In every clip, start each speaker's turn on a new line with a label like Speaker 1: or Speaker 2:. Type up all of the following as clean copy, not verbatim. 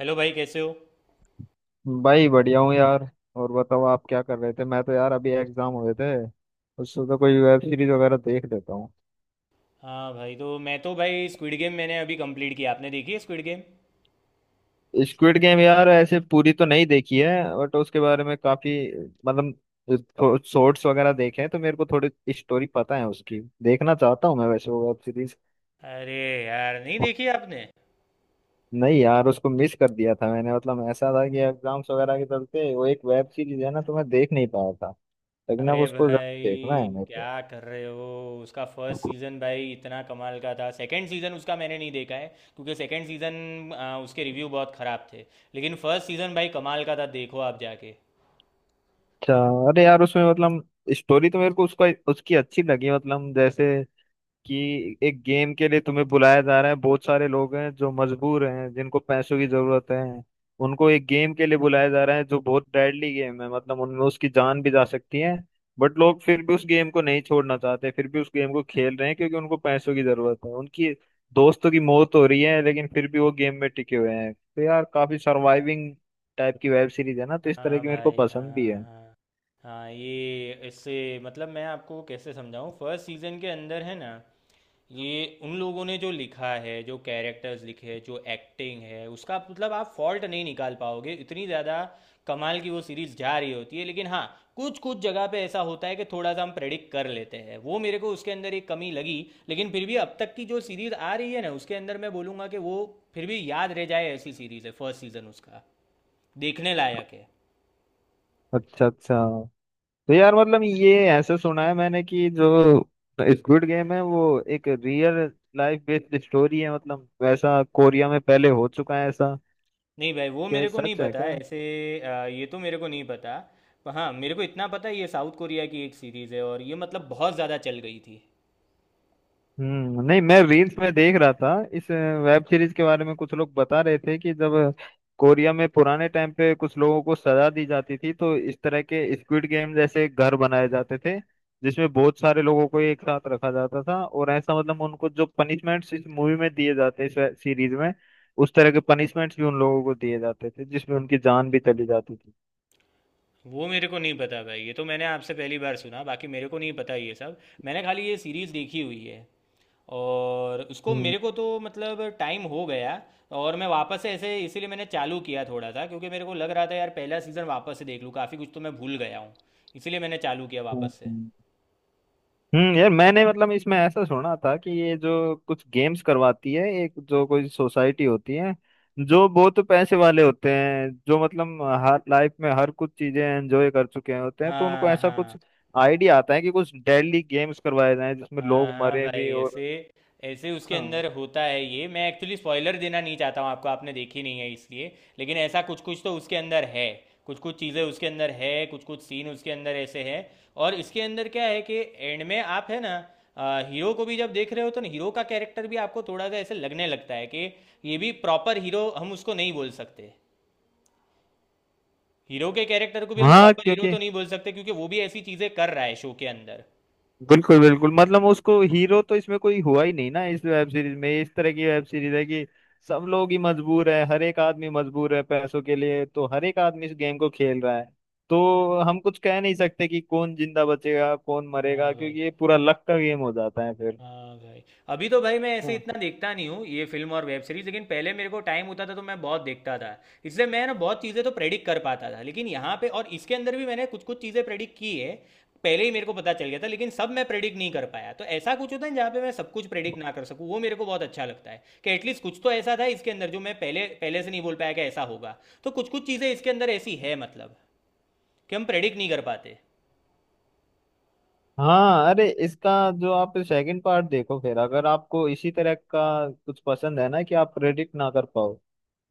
Speaker 1: Hello भाई कैसे हो।
Speaker 2: भाई बढ़िया हूँ यार। और बताओ आप क्या कर रहे थे? मैं तो यार अभी एग्जाम हुए थे। उससे तो कोई वेब सीरीज वगैरह देख लेता हूँ।
Speaker 1: हाँ भाई, तो मैं तो भाई स्क्विड गेम मैंने अभी कंप्लीट किया। आपने देखी है स्क्विड गेम?
Speaker 2: स्क्विड गेम यार ऐसे पूरी तो नहीं देखी है बट उसके बारे में काफी, मतलब शॉर्ट्स वगैरह देखे हैं, तो मेरे को थोड़ी स्टोरी पता है उसकी। देखना चाहता हूँ मैं वैसे वो वेब सीरीज।
Speaker 1: अरे यार, नहीं देखी आपने?
Speaker 2: नहीं यार, उसको मिस कर दिया था मैंने। मतलब ऐसा था कि एग्जाम्स वगैरह के चलते, वो एक वेब सीरीज है ना, तो मैं देख नहीं पाया था। लेकिन अब
Speaker 1: अरे
Speaker 2: उसको
Speaker 1: भाई,
Speaker 2: जरूर देखना है मेरे को।
Speaker 1: क्या कर रहे हो, उसका फर्स्ट सीज़न भाई इतना कमाल का था। सेकंड सीज़न उसका मैंने नहीं देखा है क्योंकि सेकंड सीज़न, उसके रिव्यू बहुत ख़राब थे। लेकिन फर्स्ट सीज़न भाई कमाल का था, देखो आप जाके।
Speaker 2: अच्छा। अरे यार, उसमें मतलब स्टोरी तो मेरे को उसका उसकी अच्छी लगी। मतलब जैसे कि एक गेम के लिए तुम्हें बुलाया जा रहा है, बहुत सारे लोग हैं जो मजबूर हैं, जिनको पैसों की जरूरत है। उनको एक गेम के लिए बुलाया जा रहा है जो बहुत डेडली गेम है, मतलब उनमें उसकी जान भी जा सकती है। बट लोग फिर भी उस गेम को नहीं छोड़ना चाहते, फिर भी उस गेम को खेल रहे हैं क्योंकि उनको पैसों की जरूरत है। उनकी दोस्तों की मौत हो रही है लेकिन फिर भी वो गेम में टिके हुए हैं। तो यार काफी सर्वाइविंग टाइप की वेब सीरीज है ना, तो इस तरह
Speaker 1: हाँ
Speaker 2: की मेरे को
Speaker 1: भाई,
Speaker 2: पसंद भी
Speaker 1: हाँ
Speaker 2: है।
Speaker 1: हाँ। हाँ, ये इससे, मतलब मैं आपको कैसे समझाऊँ, फर्स्ट सीजन के अंदर है ना ये, उन लोगों ने जो लिखा है, जो कैरेक्टर्स लिखे हैं, जो एक्टिंग है उसका, मतलब आप फॉल्ट नहीं निकाल पाओगे इतनी ज़्यादा। कमाल की वो सीरीज़ जा रही होती है, लेकिन हाँ, कुछ कुछ जगह पे ऐसा होता है कि थोड़ा सा हम प्रेडिक्ट कर लेते हैं, वो मेरे को उसके अंदर एक कमी लगी। लेकिन फिर भी अब तक की जो सीरीज़ आ रही है ना, उसके अंदर मैं बोलूँगा कि वो फिर भी याद रह जाए, ऐसी सीरीज़ है। फर्स्ट सीज़न उसका देखने लायक है।
Speaker 2: अच्छा अच्छा। तो यार मतलब ये ऐसे सुना है मैंने कि जो स्क्विड गेम है वो एक रियल लाइफ बेस्ड स्टोरी है। मतलब वैसा कोरिया में पहले हो चुका है ऐसा?
Speaker 1: नहीं भाई, वो
Speaker 2: क्या ये
Speaker 1: मेरे को नहीं
Speaker 2: सच है
Speaker 1: पता
Speaker 2: क्या?
Speaker 1: ऐसे। ये तो मेरे को नहीं पता। पर हाँ, मेरे को इतना पता है ये साउथ कोरिया की एक सीरीज़ है, और ये मतलब बहुत ज़्यादा चल गई थी।
Speaker 2: नहीं, मैं रील्स में देख रहा था इस वेब सीरीज के बारे में। कुछ लोग बता रहे थे कि जब कोरिया में पुराने टाइम पे कुछ लोगों को सजा दी जाती थी तो इस तरह के स्क्विड गेम जैसे घर बनाए जाते थे, जिसमें बहुत सारे लोगों को एक साथ रखा जाता था। और ऐसा, मतलब उनको जो पनिशमेंट्स इस मूवी में दिए जाते हैं, इस सीरीज में, उस तरह के पनिशमेंट्स भी उन लोगों को दिए जाते थे, जिसमें उनकी जान भी चली जाती थी।
Speaker 1: वो मेरे को नहीं पता भाई, ये तो मैंने आपसे पहली बार सुना। बाकी मेरे को नहीं पता ये सब। मैंने खाली ये सीरीज़ देखी हुई है, और उसको
Speaker 2: हम्म।
Speaker 1: मेरे को तो मतलब टाइम हो गया। और मैं वापस से ऐसे इसीलिए मैंने चालू किया थोड़ा सा, क्योंकि मेरे को लग रहा था यार पहला सीज़न वापस से देख लूँ, काफ़ी कुछ तो मैं भूल गया हूँ। इसीलिए मैंने चालू किया
Speaker 2: हम्म,
Speaker 1: वापस से।
Speaker 2: हम्म। यार मैंने मतलब इसमें ऐसा सुना था कि ये जो कुछ गेम्स करवाती है, एक जो कोई सोसाइटी होती है जो बहुत पैसे वाले होते हैं, जो मतलब हर लाइफ में हर कुछ चीजें एंजॉय कर चुके होते हैं, तो उनको
Speaker 1: हाँ
Speaker 2: ऐसा कुछ
Speaker 1: हाँ।
Speaker 2: आइडिया आता है कि कुछ डेली गेम्स करवाए जाएं जिसमें
Speaker 1: हाँ
Speaker 2: लोग
Speaker 1: हाँ
Speaker 2: मरे
Speaker 1: भाई,
Speaker 2: भी और।
Speaker 1: ऐसे ऐसे उसके
Speaker 2: हाँ।
Speaker 1: अंदर होता है। ये मैं एक्चुअली स्पॉइलर देना नहीं चाहता हूँ आपको, आपने देखी नहीं है इसलिए। लेकिन ऐसा कुछ कुछ तो उसके अंदर है। कुछ कुछ चीज़ें उसके अंदर है, कुछ कुछ सीन उसके अंदर ऐसे हैं। और इसके अंदर क्या है कि एंड में आप है ना, हीरो को भी जब देख रहे हो तो ना, हीरो का कैरेक्टर भी आपको थोड़ा सा ऐसे लगने लगता है कि ये भी प्रॉपर हीरो हम उसको नहीं बोल सकते। हीरो के कैरेक्टर को भी हम
Speaker 2: हाँ
Speaker 1: प्रॉपर हीरो
Speaker 2: क्योंकि
Speaker 1: तो नहीं बोल सकते, क्योंकि वो भी ऐसी चीज़ें कर रहा है शो के अंदर।
Speaker 2: बिल्कुल बिल्कुल, मतलब उसको हीरो तो इसमें कोई हुआ ही नहीं ना। इस वेब सीरीज में, इस तरह की वेब सीरीज है कि सब लोग ही मजबूर है, हर एक आदमी मजबूर है पैसों के लिए, तो हर एक आदमी इस गेम को खेल रहा है। तो हम कुछ कह नहीं सकते कि कौन जिंदा बचेगा, कौन मरेगा,
Speaker 1: हाँ भाई,
Speaker 2: क्योंकि ये पूरा लक का गेम हो जाता है फिर।
Speaker 1: हाँ भाई। अभी तो भाई मैं ऐसे
Speaker 2: हाँ
Speaker 1: इतना देखता नहीं हूँ ये फिल्म और वेब सीरीज, लेकिन पहले मेरे को टाइम होता था तो मैं बहुत देखता था। इसलिए मैं ना बहुत चीज़ें तो प्रेडिक्ट कर पाता था, लेकिन यहाँ पे और इसके अंदर भी मैंने कुछ कुछ चीज़ें प्रेडिक्ट की है। पहले ही मेरे को पता चल गया था, लेकिन सब मैं प्रेडिक्ट नहीं कर पाया। तो ऐसा कुछ होता है जहाँ पे मैं सब कुछ प्रेडिक्ट ना कर सकूँ, वो मेरे को बहुत अच्छा लगता है कि एटलीस्ट कुछ तो ऐसा था इसके अंदर जो मैं पहले पहले से नहीं बोल पाया कि ऐसा होगा। तो कुछ कुछ चीज़ें इसके अंदर ऐसी है, मतलब कि हम प्रेडिक्ट नहीं कर पाते।
Speaker 2: हाँ। अरे इसका, जो आप सेकंड पार्ट देखो, फिर अगर आपको इसी तरह का कुछ पसंद है ना कि आप प्रेडिक्ट ना कर पाओ,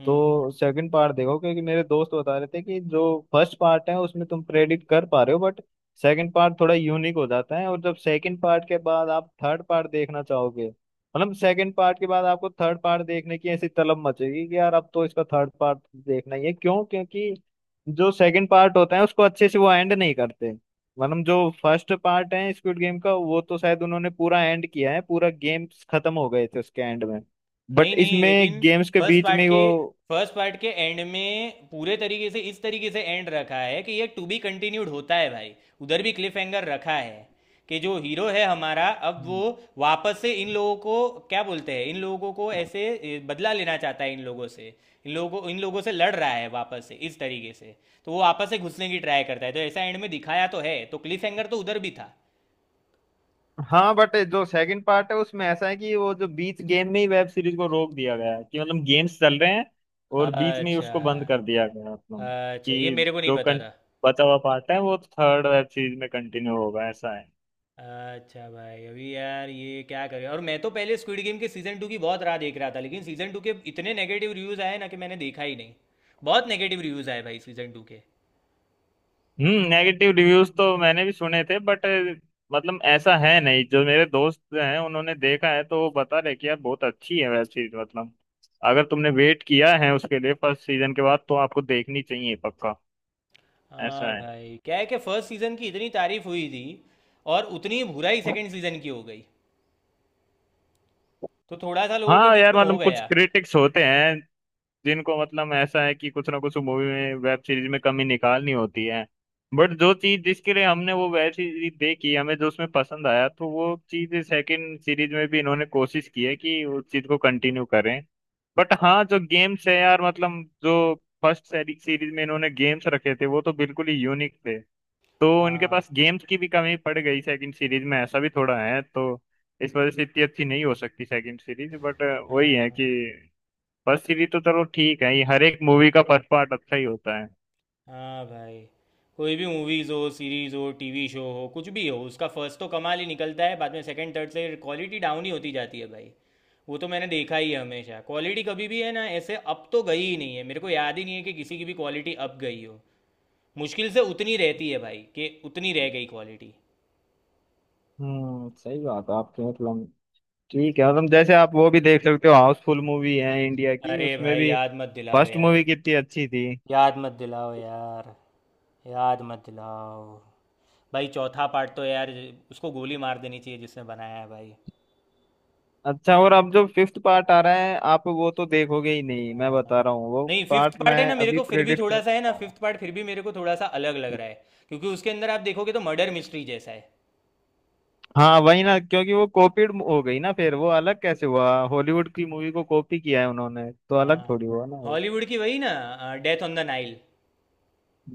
Speaker 1: हम्म
Speaker 2: तो सेकंड पार्ट देखो। क्योंकि मेरे दोस्त बता रहे थे कि जो फर्स्ट पार्ट है उसमें तुम प्रेडिक्ट कर पा रहे हो बट सेकंड पार्ट थोड़ा यूनिक हो जाता है। और जब सेकंड पार्ट के बाद आप थर्ड पार्ट देखना चाहोगे, मतलब सेकंड पार्ट के बाद आपको थर्ड पार्ट देखने की ऐसी तलब मचेगी कि यार अब तो इसका थर्ड पार्ट देखना ही है। क्यों? क्योंकि जो सेकंड पार्ट होता है उसको अच्छे से वो एंड नहीं करते। मतलब जो फर्स्ट पार्ट है स्क्विड गेम का, वो तो शायद उन्होंने पूरा एंड किया है, पूरा गेम्स खत्म हो गए थे उसके एंड में।
Speaker 1: नहीं
Speaker 2: बट
Speaker 1: नहीं, लेकिन
Speaker 2: इसमें गेम्स के
Speaker 1: फर्स्ट
Speaker 2: बीच
Speaker 1: पार्ट
Speaker 2: में ही
Speaker 1: के
Speaker 2: वो।
Speaker 1: फर्स्ट पार्ट के एंड में पूरे तरीके से इस तरीके से एंड रखा है कि ये टू बी कंटिन्यूड होता है भाई। उधर भी क्लिफ हैंगर रखा है कि जो हीरो है हमारा, अब वो
Speaker 2: हम्म।
Speaker 1: वापस से इन लोगों को, क्या बोलते हैं इन लोगों को, ऐसे बदला लेना चाहता है इन लोगों से। इन लोगों को, इन लोगों से लड़ रहा है वापस से इस तरीके से। तो वो वापस से घुसने की ट्राई करता है, तो ऐसा एंड में दिखाया तो है, तो क्लिफ हैंगर तो उधर भी था।
Speaker 2: हाँ, बट जो सेकंड पार्ट है उसमें ऐसा है कि वो जो बीच गेम में ही वेब सीरीज को रोक दिया गया है। कि मतलब गेम्स चल रहे हैं और बीच में ही
Speaker 1: अच्छा
Speaker 2: उसको बंद कर दिया गया है, मतलब
Speaker 1: अच्छा, ये
Speaker 2: कि
Speaker 1: मेरे को नहीं
Speaker 2: जो
Speaker 1: पता था।
Speaker 2: बचा हुआ पार्ट है वो थर्ड वेब सीरीज में कंटिन्यू होगा, ऐसा है।
Speaker 1: अच्छा भाई, अभी यार ये क्या करें, और मैं तो पहले स्क्विड गेम के सीज़न टू की बहुत राह देख रहा था, लेकिन सीज़न टू के इतने नेगेटिव रिव्यूज़ आए ना कि मैंने देखा ही नहीं। बहुत नेगेटिव रिव्यूज़ आए भाई सीज़न टू के।
Speaker 2: नेगेटिव रिव्यूज तो मैंने भी सुने थे, बट मतलब ऐसा है नहीं। जो मेरे दोस्त हैं उन्होंने देखा है, तो वो बता रहे कि यार बहुत अच्छी है वेब सीरीज। मतलब अगर तुमने वेट किया है उसके लिए फर्स्ट सीजन के बाद, तो आपको देखनी चाहिए पक्का। ऐसा
Speaker 1: हाँ
Speaker 2: है।
Speaker 1: भाई, क्या है कि फर्स्ट सीज़न की इतनी तारीफ हुई थी, और उतनी ही बुराई सेकंड सीज़न की हो गई, तो थोड़ा सा लोगों के
Speaker 2: हाँ
Speaker 1: बीच
Speaker 2: यार
Speaker 1: में हो
Speaker 2: मतलब कुछ
Speaker 1: गया।
Speaker 2: क्रिटिक्स होते हैं जिनको, मतलब ऐसा है कि कुछ ना कुछ मूवी में वेब सीरीज में कमी निकालनी होती है। बट जो चीज जिसके लिए हमने वो वेब सीरीज देखी, हमें जो उसमें पसंद आया, तो वो चीज सेकंड सीरीज में भी इन्होंने कोशिश की है कि उस चीज को कंटिन्यू करें। बट हाँ, जो गेम्स है यार, मतलब जो फर्स्ट सीरीज में इन्होंने गेम्स रखे थे वो तो बिल्कुल ही यूनिक थे। तो उनके पास
Speaker 1: हाँ
Speaker 2: गेम्स की भी कमी पड़ गई सेकंड सीरीज में, ऐसा भी थोड़ा है। तो इस वजह से इतनी अच्छी नहीं हो सकती सेकंड सीरीज। बट वही
Speaker 1: हाँ।
Speaker 2: है कि
Speaker 1: हाँ
Speaker 2: फर्स्ट सीरीज तो चलो ठीक है, ये हर एक मूवी का फर्स्ट पार्ट अच्छा ही होता है।
Speaker 1: हाँ भाई, कोई भी मूवीज़ हो, सीरीज़ हो, टीवी शो हो, कुछ भी हो, उसका फर्स्ट तो कमाल ही निकलता है, बाद में सेकंड थर्ड से क्वालिटी डाउन ही होती जाती है भाई। वो तो मैंने देखा ही है, हमेशा क्वालिटी कभी भी है ना ऐसे अप तो गई ही नहीं है। मेरे को याद ही नहीं है कि किसी की भी क्वालिटी अप गई हो। मुश्किल से उतनी रहती है भाई, कि उतनी रह गई क्वालिटी।
Speaker 2: सही बात है आपकी। मतलब ठीक है, मतलब जैसे आप वो भी देख सकते हो, हाउसफुल मूवी है इंडिया की,
Speaker 1: अरे
Speaker 2: उसमें
Speaker 1: भाई,
Speaker 2: भी
Speaker 1: याद मत दिलाओ
Speaker 2: फर्स्ट
Speaker 1: यार।
Speaker 2: मूवी कितनी अच्छी थी।
Speaker 1: याद मत दिलाओ यार, याद मत दिलाओ। भाई चौथा पार्ट तो यार, उसको गोली मार देनी चाहिए जिसने बनाया है भाई।
Speaker 2: अच्छा, और अब जो फिफ्थ पार्ट आ रहा है आप वो तो देखोगे ही नहीं, मैं
Speaker 1: हाँ।
Speaker 2: बता रहा हूँ। वो
Speaker 1: नहीं, फिफ्थ
Speaker 2: पार्ट
Speaker 1: पार्ट
Speaker 2: मैं
Speaker 1: है ना, मेरे
Speaker 2: अभी
Speaker 1: को फिर भी
Speaker 2: प्रेडिक्ट कर
Speaker 1: थोड़ा सा है ना,
Speaker 2: रहा हूँ।
Speaker 1: फिफ्थ पार्ट फिर भी मेरे को थोड़ा सा अलग लग रहा है, क्योंकि उसके अंदर आप देखोगे तो मर्डर मिस्ट्री जैसा है।
Speaker 2: हाँ वही ना, क्योंकि वो कॉपीड हो गई ना, फिर वो अलग कैसे हुआ? हॉलीवुड की मूवी को कॉपी किया है उन्होंने, तो अलग
Speaker 1: हाँ,
Speaker 2: थोड़ी हुआ ना वो।
Speaker 1: हॉलीवुड की वही ना, Death on the Nile.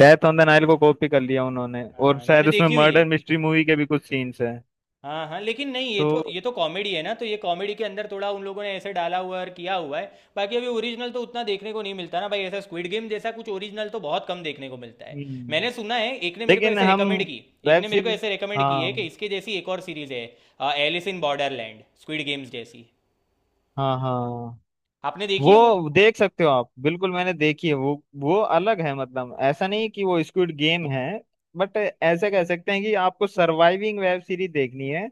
Speaker 2: Death on the Nile को कॉपी कर लिया उन्होंने, और
Speaker 1: मैंने
Speaker 2: शायद उसमें
Speaker 1: देखी हुई है।
Speaker 2: मर्डर मिस्ट्री मूवी के भी कुछ सीन्स हैं
Speaker 1: हाँ हाँ, लेकिन नहीं, ये तो
Speaker 2: तो।
Speaker 1: ये तो कॉमेडी है ना, तो ये कॉमेडी के अंदर थोड़ा उन लोगों ने ऐसे डाला हुआ और किया हुआ है। बाकी अभी ओरिजिनल तो उतना देखने को नहीं मिलता ना भाई, ऐसा स्क्विड गेम जैसा कुछ ओरिजिनल तो बहुत कम देखने को मिलता है।
Speaker 2: हम्म।
Speaker 1: मैंने सुना है,
Speaker 2: लेकिन हम
Speaker 1: एक
Speaker 2: वेब
Speaker 1: ने मेरे को
Speaker 2: सीरीज
Speaker 1: ऐसे रेकमेंड की
Speaker 2: हाँ।
Speaker 1: है कि इसके जैसी एक और सीरीज है, Alice in Borderland, Squid Games जैसी।
Speaker 2: हाँ हाँ।
Speaker 1: आपने देखी है वो?
Speaker 2: वो देख सकते हो आप, बिल्कुल मैंने देखी है वो। वो अलग है, मतलब ऐसा नहीं कि वो स्क्विड गेम है, बट ऐसा कह सकते हैं कि आपको सर्वाइविंग वेब सीरीज देखनी है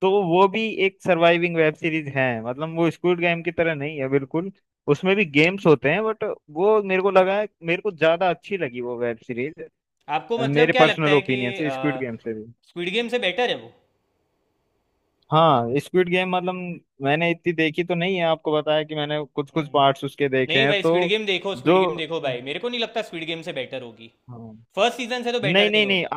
Speaker 2: तो वो भी एक सर्वाइविंग वेब सीरीज है। मतलब वो स्क्विड गेम की तरह नहीं है बिल्कुल। उसमें भी गेम्स होते हैं, बट वो मेरे को लगा है, मेरे को ज्यादा अच्छी लगी वो वेब सीरीज।
Speaker 1: आपको मतलब
Speaker 2: मेरे
Speaker 1: क्या लगता
Speaker 2: पर्सनल
Speaker 1: है कि
Speaker 2: ओपिनियन से स्क्विड गेम से भी।
Speaker 1: स्क्विड गेम से बेटर है वो?
Speaker 2: हाँ, स्क्विड गेम मतलब मैंने इतनी देखी तो नहीं है, आपको बताया कि मैंने कुछ कुछ
Speaker 1: हम्म।
Speaker 2: पार्ट्स उसके देखे
Speaker 1: नहीं
Speaker 2: हैं
Speaker 1: भाई,
Speaker 2: तो।
Speaker 1: स्क्विड गेम देखो,
Speaker 2: जो
Speaker 1: स्क्विड गेम देखो भाई, मेरे को नहीं लगता स्क्विड गेम से बेटर होगी।
Speaker 2: हाँ।
Speaker 1: फर्स्ट सीजन से तो
Speaker 2: नहीं
Speaker 1: बेटर नहीं
Speaker 2: नहीं नहीं,
Speaker 1: होगी।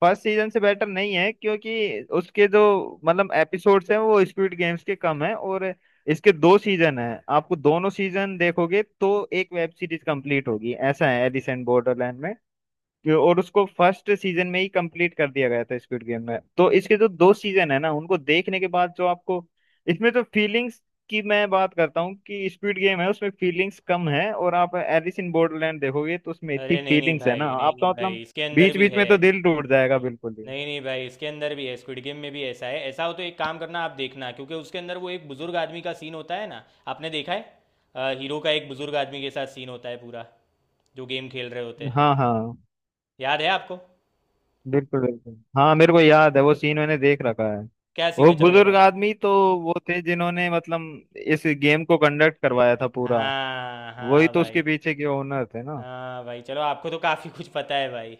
Speaker 2: फर्स्ट सीजन से बेटर नहीं है, क्योंकि उसके जो, मतलब एपिसोड्स हैं वो स्क्विड गेम्स के कम हैं। और इसके दो सीजन हैं, आपको दोनों सीजन देखोगे तो एक वेब सीरीज कंप्लीट होगी ऐसा है एलिसेंट बॉर्डरलैंड में। और उसको फर्स्ट सीजन में ही कंप्लीट कर दिया गया था स्quid गेम में। तो इसके जो दो सीजन है ना, उनको देखने के बाद जो आपको, इसमें तो फीलिंग्स की मैं बात करता हूँ कि स्क्विड गेम है उसमें फीलिंग्स कम है, और आप एलिस इन बॉर्डरलैंड देखोगे तो उसमें इतनी
Speaker 1: अरे नहीं नहीं
Speaker 2: फीलिंग्स है ना
Speaker 1: भाई, नहीं नहीं
Speaker 2: आपका,
Speaker 1: भाई,
Speaker 2: मतलब
Speaker 1: इसके अंदर
Speaker 2: बीच
Speaker 1: भी
Speaker 2: बीच
Speaker 1: है।
Speaker 2: में तो दिल टूट जाएगा बिल्कुल ही।
Speaker 1: नहीं नहीं भाई, इसके अंदर भी है, स्क्विड गेम में भी ऐसा है। ऐसा हो तो एक काम करना, आप देखना, क्योंकि उसके अंदर वो एक बुजुर्ग आदमी का सीन होता है ना, आपने देखा है? हीरो का एक बुजुर्ग आदमी के साथ सीन होता है पूरा, जो गेम खेल रहे होते हैं,
Speaker 2: हाँ हाँ।
Speaker 1: याद है आपको?
Speaker 2: बिल्कुल बिल्कुल, हाँ मेरे को याद है, वो सीन मैंने देख रखा है।
Speaker 1: क्या सीन
Speaker 2: वो
Speaker 1: है चलो
Speaker 2: बुजुर्ग
Speaker 1: बताओ।
Speaker 2: आदमी तो वो थे जिन्होंने मतलब इस गेम को कंडक्ट करवाया था पूरा।
Speaker 1: हाँ
Speaker 2: वही
Speaker 1: हाँ
Speaker 2: तो
Speaker 1: भाई।
Speaker 2: उसके पीछे के ओनर थे ना।
Speaker 1: हाँ भाई चलो, आपको तो काफ़ी कुछ पता है भाई।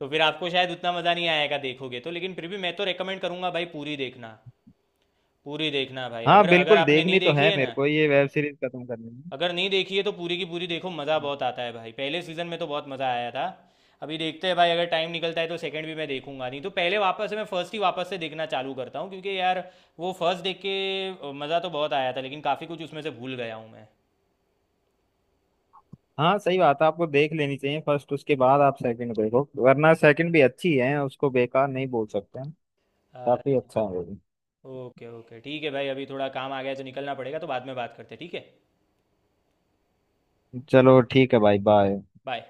Speaker 1: तो फिर आपको शायद उतना मज़ा नहीं आएगा देखोगे तो, लेकिन फिर भी मैं तो रेकमेंड करूंगा भाई, पूरी देखना। पूरी देखना भाई,
Speaker 2: हाँ
Speaker 1: अगर अगर
Speaker 2: बिल्कुल,
Speaker 1: आपने नहीं
Speaker 2: देखनी तो
Speaker 1: देखी
Speaker 2: है
Speaker 1: है
Speaker 2: मेरे
Speaker 1: ना,
Speaker 2: को ये वेब सीरीज खत्म करनी
Speaker 1: अगर नहीं देखी है तो पूरी की पूरी देखो, मज़ा
Speaker 2: है।
Speaker 1: बहुत आता है भाई। पहले सीज़न में तो बहुत मज़ा आया था। अभी देखते हैं भाई, अगर टाइम निकलता है तो सेकंड भी मैं देखूंगा, नहीं तो पहले वापस से मैं फर्स्ट ही वापस से देखना चालू करता हूँ, क्योंकि यार वो फर्स्ट देख के मज़ा तो बहुत आया था, लेकिन काफ़ी कुछ उसमें से भूल गया हूँ मैं।
Speaker 2: हाँ सही बात है, आपको देख लेनी चाहिए फर्स्ट, उसके बाद आप सेकंड देखो। वरना सेकंड भी अच्छी है, उसको बेकार नहीं बोल सकते हैं, काफी
Speaker 1: अच्छा,
Speaker 2: अच्छा है वो भी।
Speaker 1: ओके ओके, ठीक है भाई, अभी थोड़ा काम आ गया है तो निकलना पड़ेगा, तो बाद में बात करते हैं ठीक है।
Speaker 2: चलो ठीक है भाई, बाय।
Speaker 1: बाय।